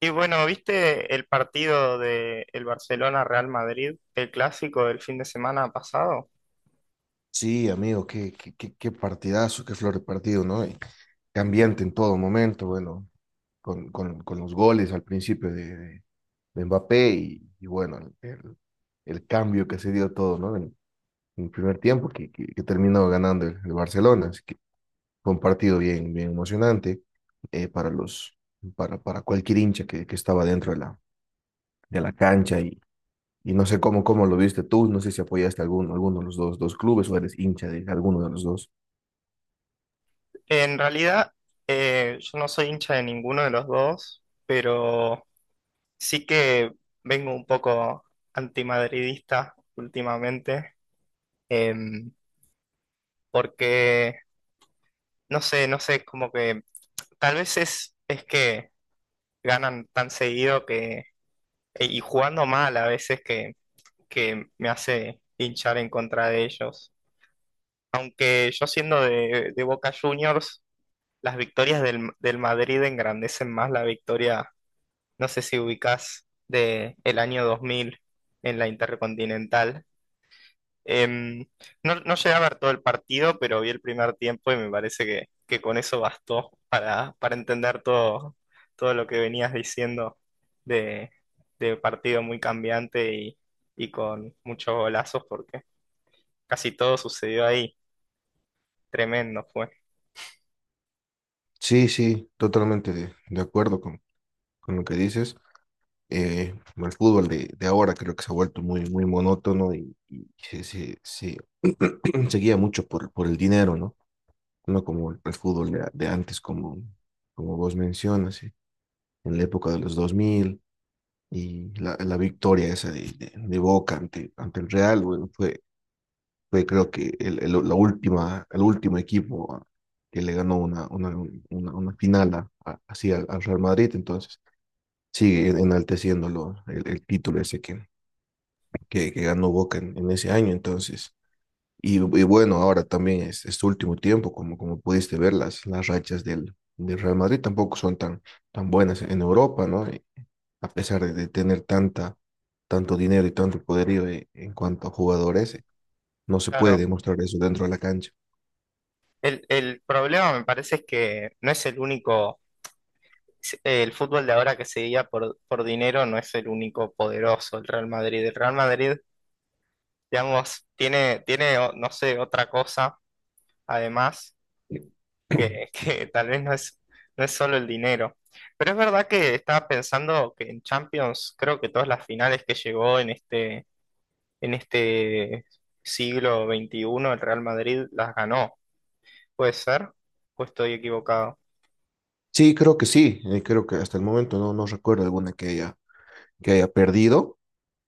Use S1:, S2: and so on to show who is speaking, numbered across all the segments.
S1: Y bueno, ¿viste el partido de el Barcelona-Real Madrid, el clásico del fin de semana pasado?
S2: Sí, amigo, qué partidazo, qué flor de partido, ¿no? Y cambiante en todo momento, bueno, con los goles al principio de Mbappé y bueno, el cambio que se dio todo, ¿no? En el primer tiempo que terminó ganando el Barcelona, así que fue un partido bien, bien emocionante para para cualquier hincha que estaba dentro de de la cancha y no sé cómo, cómo lo viste tú, no sé si apoyaste a alguno, alguno de los dos, dos clubes o eres hincha de alguno de los dos.
S1: En realidad, yo no soy hincha de ninguno de los dos, pero sí que vengo un poco antimadridista últimamente, em, porque no sé, como que tal vez es que ganan tan seguido que, y jugando mal a veces, que me hace hinchar en contra de ellos. Aunque yo siendo de Boca Juniors, las victorias del Madrid engrandecen más la victoria, no sé si ubicás, de el año 2000 en la Intercontinental. Em, no, no llegué a ver todo el partido, pero vi el primer tiempo y me parece que con eso bastó para para entender todo lo que venías diciendo de, de partido muy cambiante y con muchos golazos, porque casi todo sucedió ahí. Tremendo fue.
S2: Sí, sí, totalmente de acuerdo con lo que dices. El fútbol de ahora creo que se ha vuelto muy, muy monótono y se se guía mucho por el dinero, ¿no? No como el fútbol de antes, como, como vos mencionas, sí, en la época de los 2000 y la victoria esa de Boca ante, ante el Real, bueno, fue, fue creo que la última, el último equipo que le ganó una final así al Real Madrid, entonces sigue enalteciéndolo el título ese que ganó Boca en ese año, entonces. Y bueno, ahora también es este último tiempo, como, como pudiste ver, las rachas del Real Madrid tampoco son tan, tan buenas en Europa, ¿no? Y a pesar de tener tanta, tanto dinero y tanto poderío en cuanto a jugadores, no se puede
S1: Claro,
S2: demostrar eso dentro de la cancha.
S1: el problema me parece es que no es el único. El fútbol de ahora, que se guía por dinero, no es el único poderoso, el Real Madrid. El Real Madrid, digamos, tiene, no sé, otra cosa, además, que que tal vez no es solo el dinero. Pero es verdad que estaba pensando que en Champions, creo que todas las finales que llegó en este siglo XXI, el Real Madrid las ganó. ¿Puede ser? ¿O estoy equivocado?
S2: Sí, creo que sí. Creo que hasta el momento no, no recuerdo alguna que haya perdido.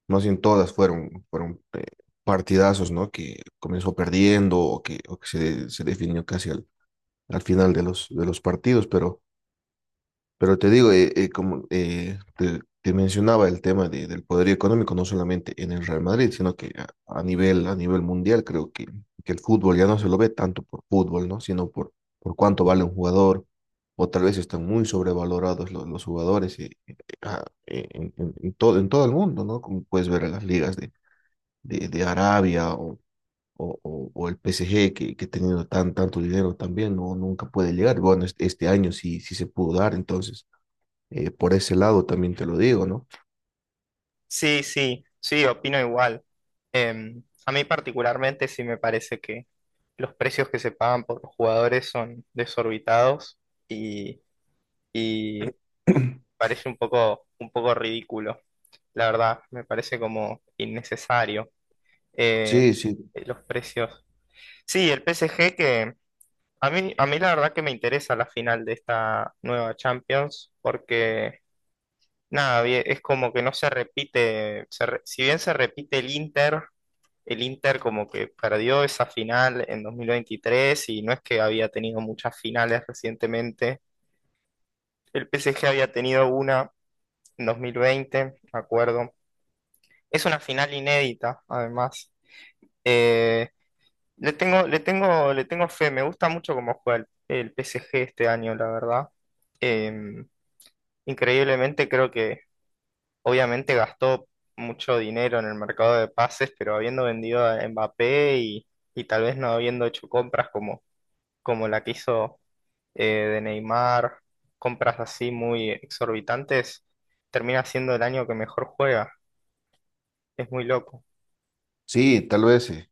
S2: Más bien todas fueron, fueron partidazos, ¿no? Que comenzó perdiendo o que se definió casi al final de los partidos. Pero te digo, como te, te mencionaba el tema del poder económico, no solamente en el Real Madrid, sino que a nivel mundial, creo que el fútbol ya no se lo ve tanto por fútbol, ¿no? Sino por cuánto vale un jugador, o tal vez están muy sobrevalorados los, jugadores en, en todo el mundo, ¿no? Como puedes ver en las ligas de Arabia o, o el PSG, que teniendo tan, tanto dinero también, no, nunca puede llegar. Bueno, este año sí, sí se pudo dar, entonces por ese lado también te lo digo, ¿no?
S1: Sí, sí, sí, opino igual. A mí particularmente sí me parece que los precios que se pagan por los jugadores son desorbitados, y, y parece un poco ridículo, la verdad. Me parece como innecesario, eh,
S2: Sí, sí,
S1: los precios. Sí, el PSG... Que a mí la verdad que me interesa la final de esta nueva Champions porque. Nada, bien, es como que no se repite, si bien se repite el Inter como que perdió esa final en 2023 y no es que había tenido muchas finales recientemente. El PSG había tenido una en 2020, me acuerdo. Es una final inédita, además. Eh, le tengo fe, me gusta mucho cómo juega el PSG este año, la verdad. Eh, Increíblemente creo que obviamente gastó mucho dinero en el mercado de pases, pero habiendo vendido a Mbappé, y tal vez no habiendo hecho compras como la que hizo, eh, de Neymar, compras así muy exorbitantes, termina siendo el año que mejor juega. Es muy loco.
S2: sí,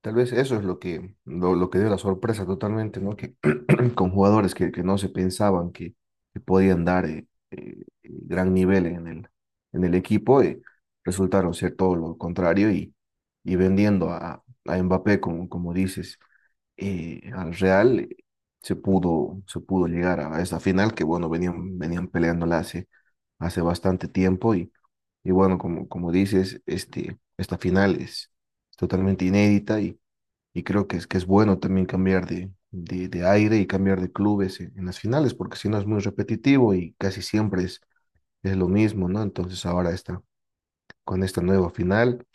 S2: tal vez eso es lo que dio la sorpresa totalmente, ¿no? Que con jugadores que no se pensaban que podían dar gran nivel en en el equipo, resultaron ser todo lo contrario y vendiendo a Mbappé, como, como dices, al Real se pudo llegar a esa final que, bueno, venían, venían peleándola hace, hace bastante tiempo y bueno, como, como dices, este, esta final es totalmente inédita y creo que es bueno también cambiar de aire y cambiar de clubes en las finales porque si no es muy repetitivo y casi siempre es lo mismo, ¿no? Entonces ahora está con esta nueva final.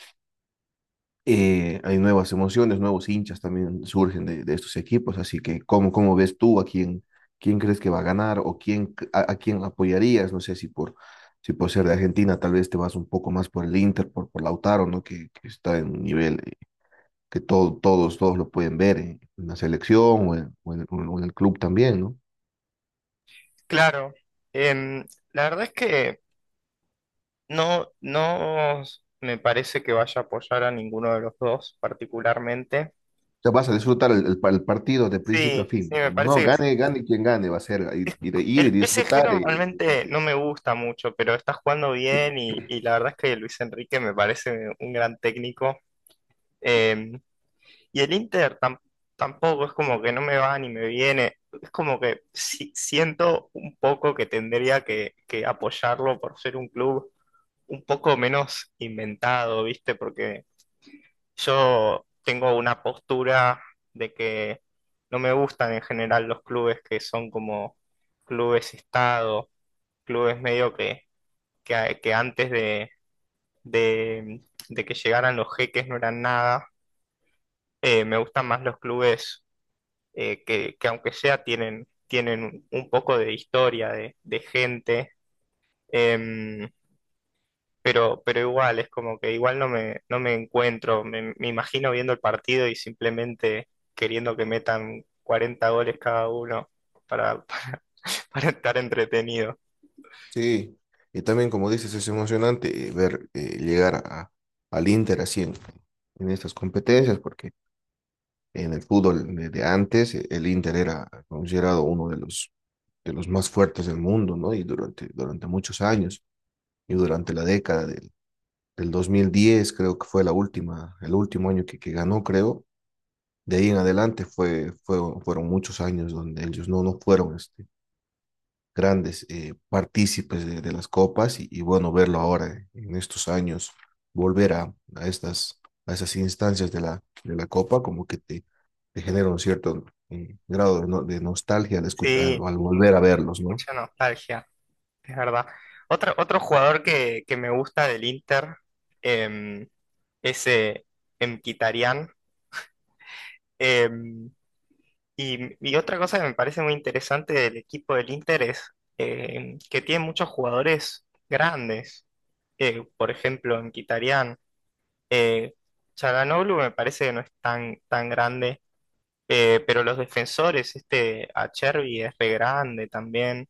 S2: Hay nuevas emociones, nuevos hinchas también surgen de estos equipos, así que ¿cómo, cómo ves tú a quién, quién crees que va a ganar o quién, a quién apoyarías? No sé si por, si por ser de Argentina tal vez te vas un poco más por el Inter, por Lautaro, ¿no? Que está en un nivel que todo, todos, todos lo pueden ver en la selección o en, o en el club también, ¿no?
S1: Claro. em, la verdad es que no, no me parece que vaya a apoyar a ninguno de los dos particularmente.
S2: O sea, vas a disfrutar el partido de principio a
S1: Sí,
S2: fin,
S1: sí, me
S2: digamos, ¿no?
S1: parece que sí.
S2: Gane, gane quien gane, va a ser ir, ir
S1: El
S2: y
S1: PSG
S2: disfrutar
S1: normalmente no me gusta mucho, pero está jugando bien, y la verdad es que Luis Enrique me parece un gran técnico. Em, Y el Inter tampoco es como que no me va ni me viene. Es como que siento un poco que tendría que apoyarlo por ser un club un poco menos inventado, ¿viste? Porque yo tengo una postura de que no me gustan en general los clubes que son como clubes estado, clubes medio que, que antes de, de, de que llegaran los jeques no eran nada. Me gustan más los clubes, que aunque sea tienen un poco de historia, de gente, em, pero igual, es como que igual no me encuentro. Me imagino viendo el partido y simplemente queriendo que metan 40 goles cada uno para, para estar entretenido.
S2: sí, y también como dices, es emocionante ver llegar al Inter así en estas competencias, porque en el fútbol de antes el Inter era considerado uno de los más fuertes del mundo, ¿no? Y durante, durante muchos años, y durante la década del 2010 creo que fue la última, el último año que ganó, creo. De ahí en adelante fue, fue, fueron muchos años donde ellos no, no fueron grandes partícipes de las copas y bueno, verlo ahora en estos años, volver a estas, a esas instancias de de la copa, como que te genera un cierto grado de, de nostalgia al, al,
S1: Sí,
S2: al volver a verlos, ¿no?
S1: mucha nostalgia, es verdad. Otro jugador que me gusta del Inter, em, es Mkhitaryan. Em, y otra cosa que me parece muy interesante del equipo del Inter es, que tiene muchos jugadores grandes. Por ejemplo, en Kitarian, eh, Çalhanoğlu me parece que no es tan grande, pero los defensores, este Acerbi es re grande también.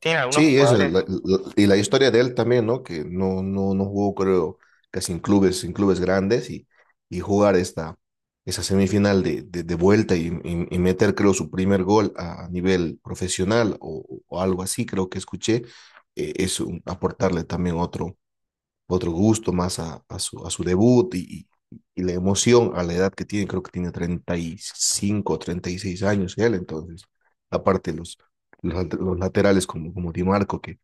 S1: Tiene algunos
S2: Sí, esa es
S1: jugadores.
S2: y la historia de él también, ¿no? Que no, no, no jugó, creo, casi en clubes grandes y jugar esta, esa semifinal de vuelta y meter, creo, su primer gol a nivel profesional o algo así, creo que escuché, aportarle también otro, otro gusto más a su debut y la emoción a la edad que tiene, creo que tiene treinta y cinco treinta y seis años él, entonces, aparte los laterales como, como Di Marco,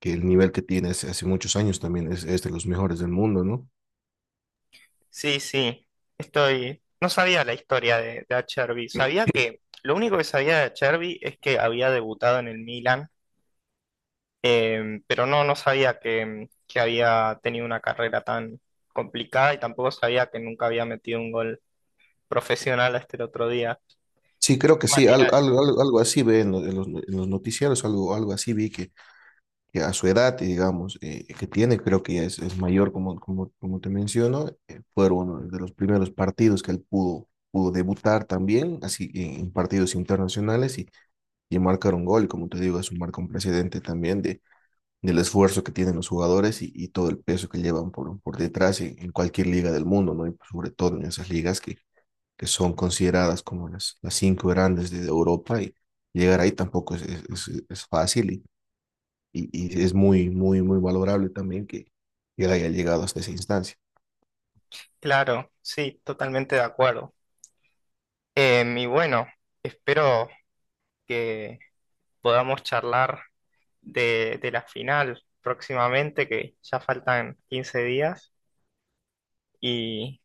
S2: que el nivel que tiene hace, hace muchos años también es, de los mejores del mundo, ¿no?
S1: Sí, sí, estoy. No sabía la historia de de Acerbi. Sabía que, lo único que sabía de Acerbi, es que había debutado en el Milan. Pero no, no sabía que había tenido una carrera tan complicada, y tampoco sabía que nunca había metido un gol profesional hasta el otro día.
S2: Sí, creo
S1: Qué
S2: que sí,
S1: manera de-
S2: algo, algo así ve en los noticieros, algo, algo así vi que a su edad, digamos, que tiene, creo que ya es mayor, como, como, como te menciono, fueron uno de los primeros partidos que él pudo, pudo debutar también, así en partidos internacionales y marcar un gol, como te digo, es un marco un precedente también de, del esfuerzo que tienen los jugadores y todo el peso que llevan por detrás en cualquier liga del mundo, ¿no? Y pues, sobre todo en esas ligas que son consideradas como las cinco grandes de Europa y llegar ahí tampoco es, es, es fácil y y, y es muy, muy, muy valorable también que él haya llegado hasta esa instancia.
S1: Claro, sí, totalmente de acuerdo. Y bueno, espero que podamos charlar de la final próximamente, que ya faltan 15 días, y,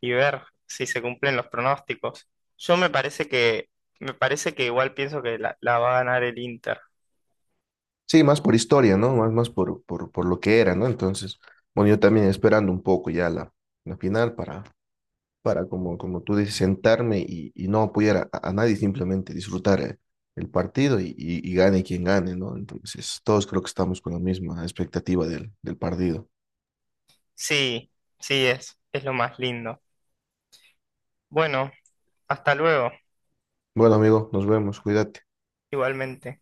S1: y ver si se cumplen los pronósticos. Yo me parece que, igual pienso que la va a ganar el Inter.
S2: Sí, más por historia, ¿no? Más, más por lo que era, ¿no? Entonces, bueno, yo también esperando un poco ya la final para como, como tú dices, sentarme y no apoyar a nadie, simplemente disfrutar el partido y gane quien gane, ¿no? Entonces, todos creo que estamos con la misma expectativa del partido.
S1: Sí, sí, es lo más lindo. Bueno, hasta luego,
S2: Bueno, amigo, nos vemos, cuídate.
S1: igualmente.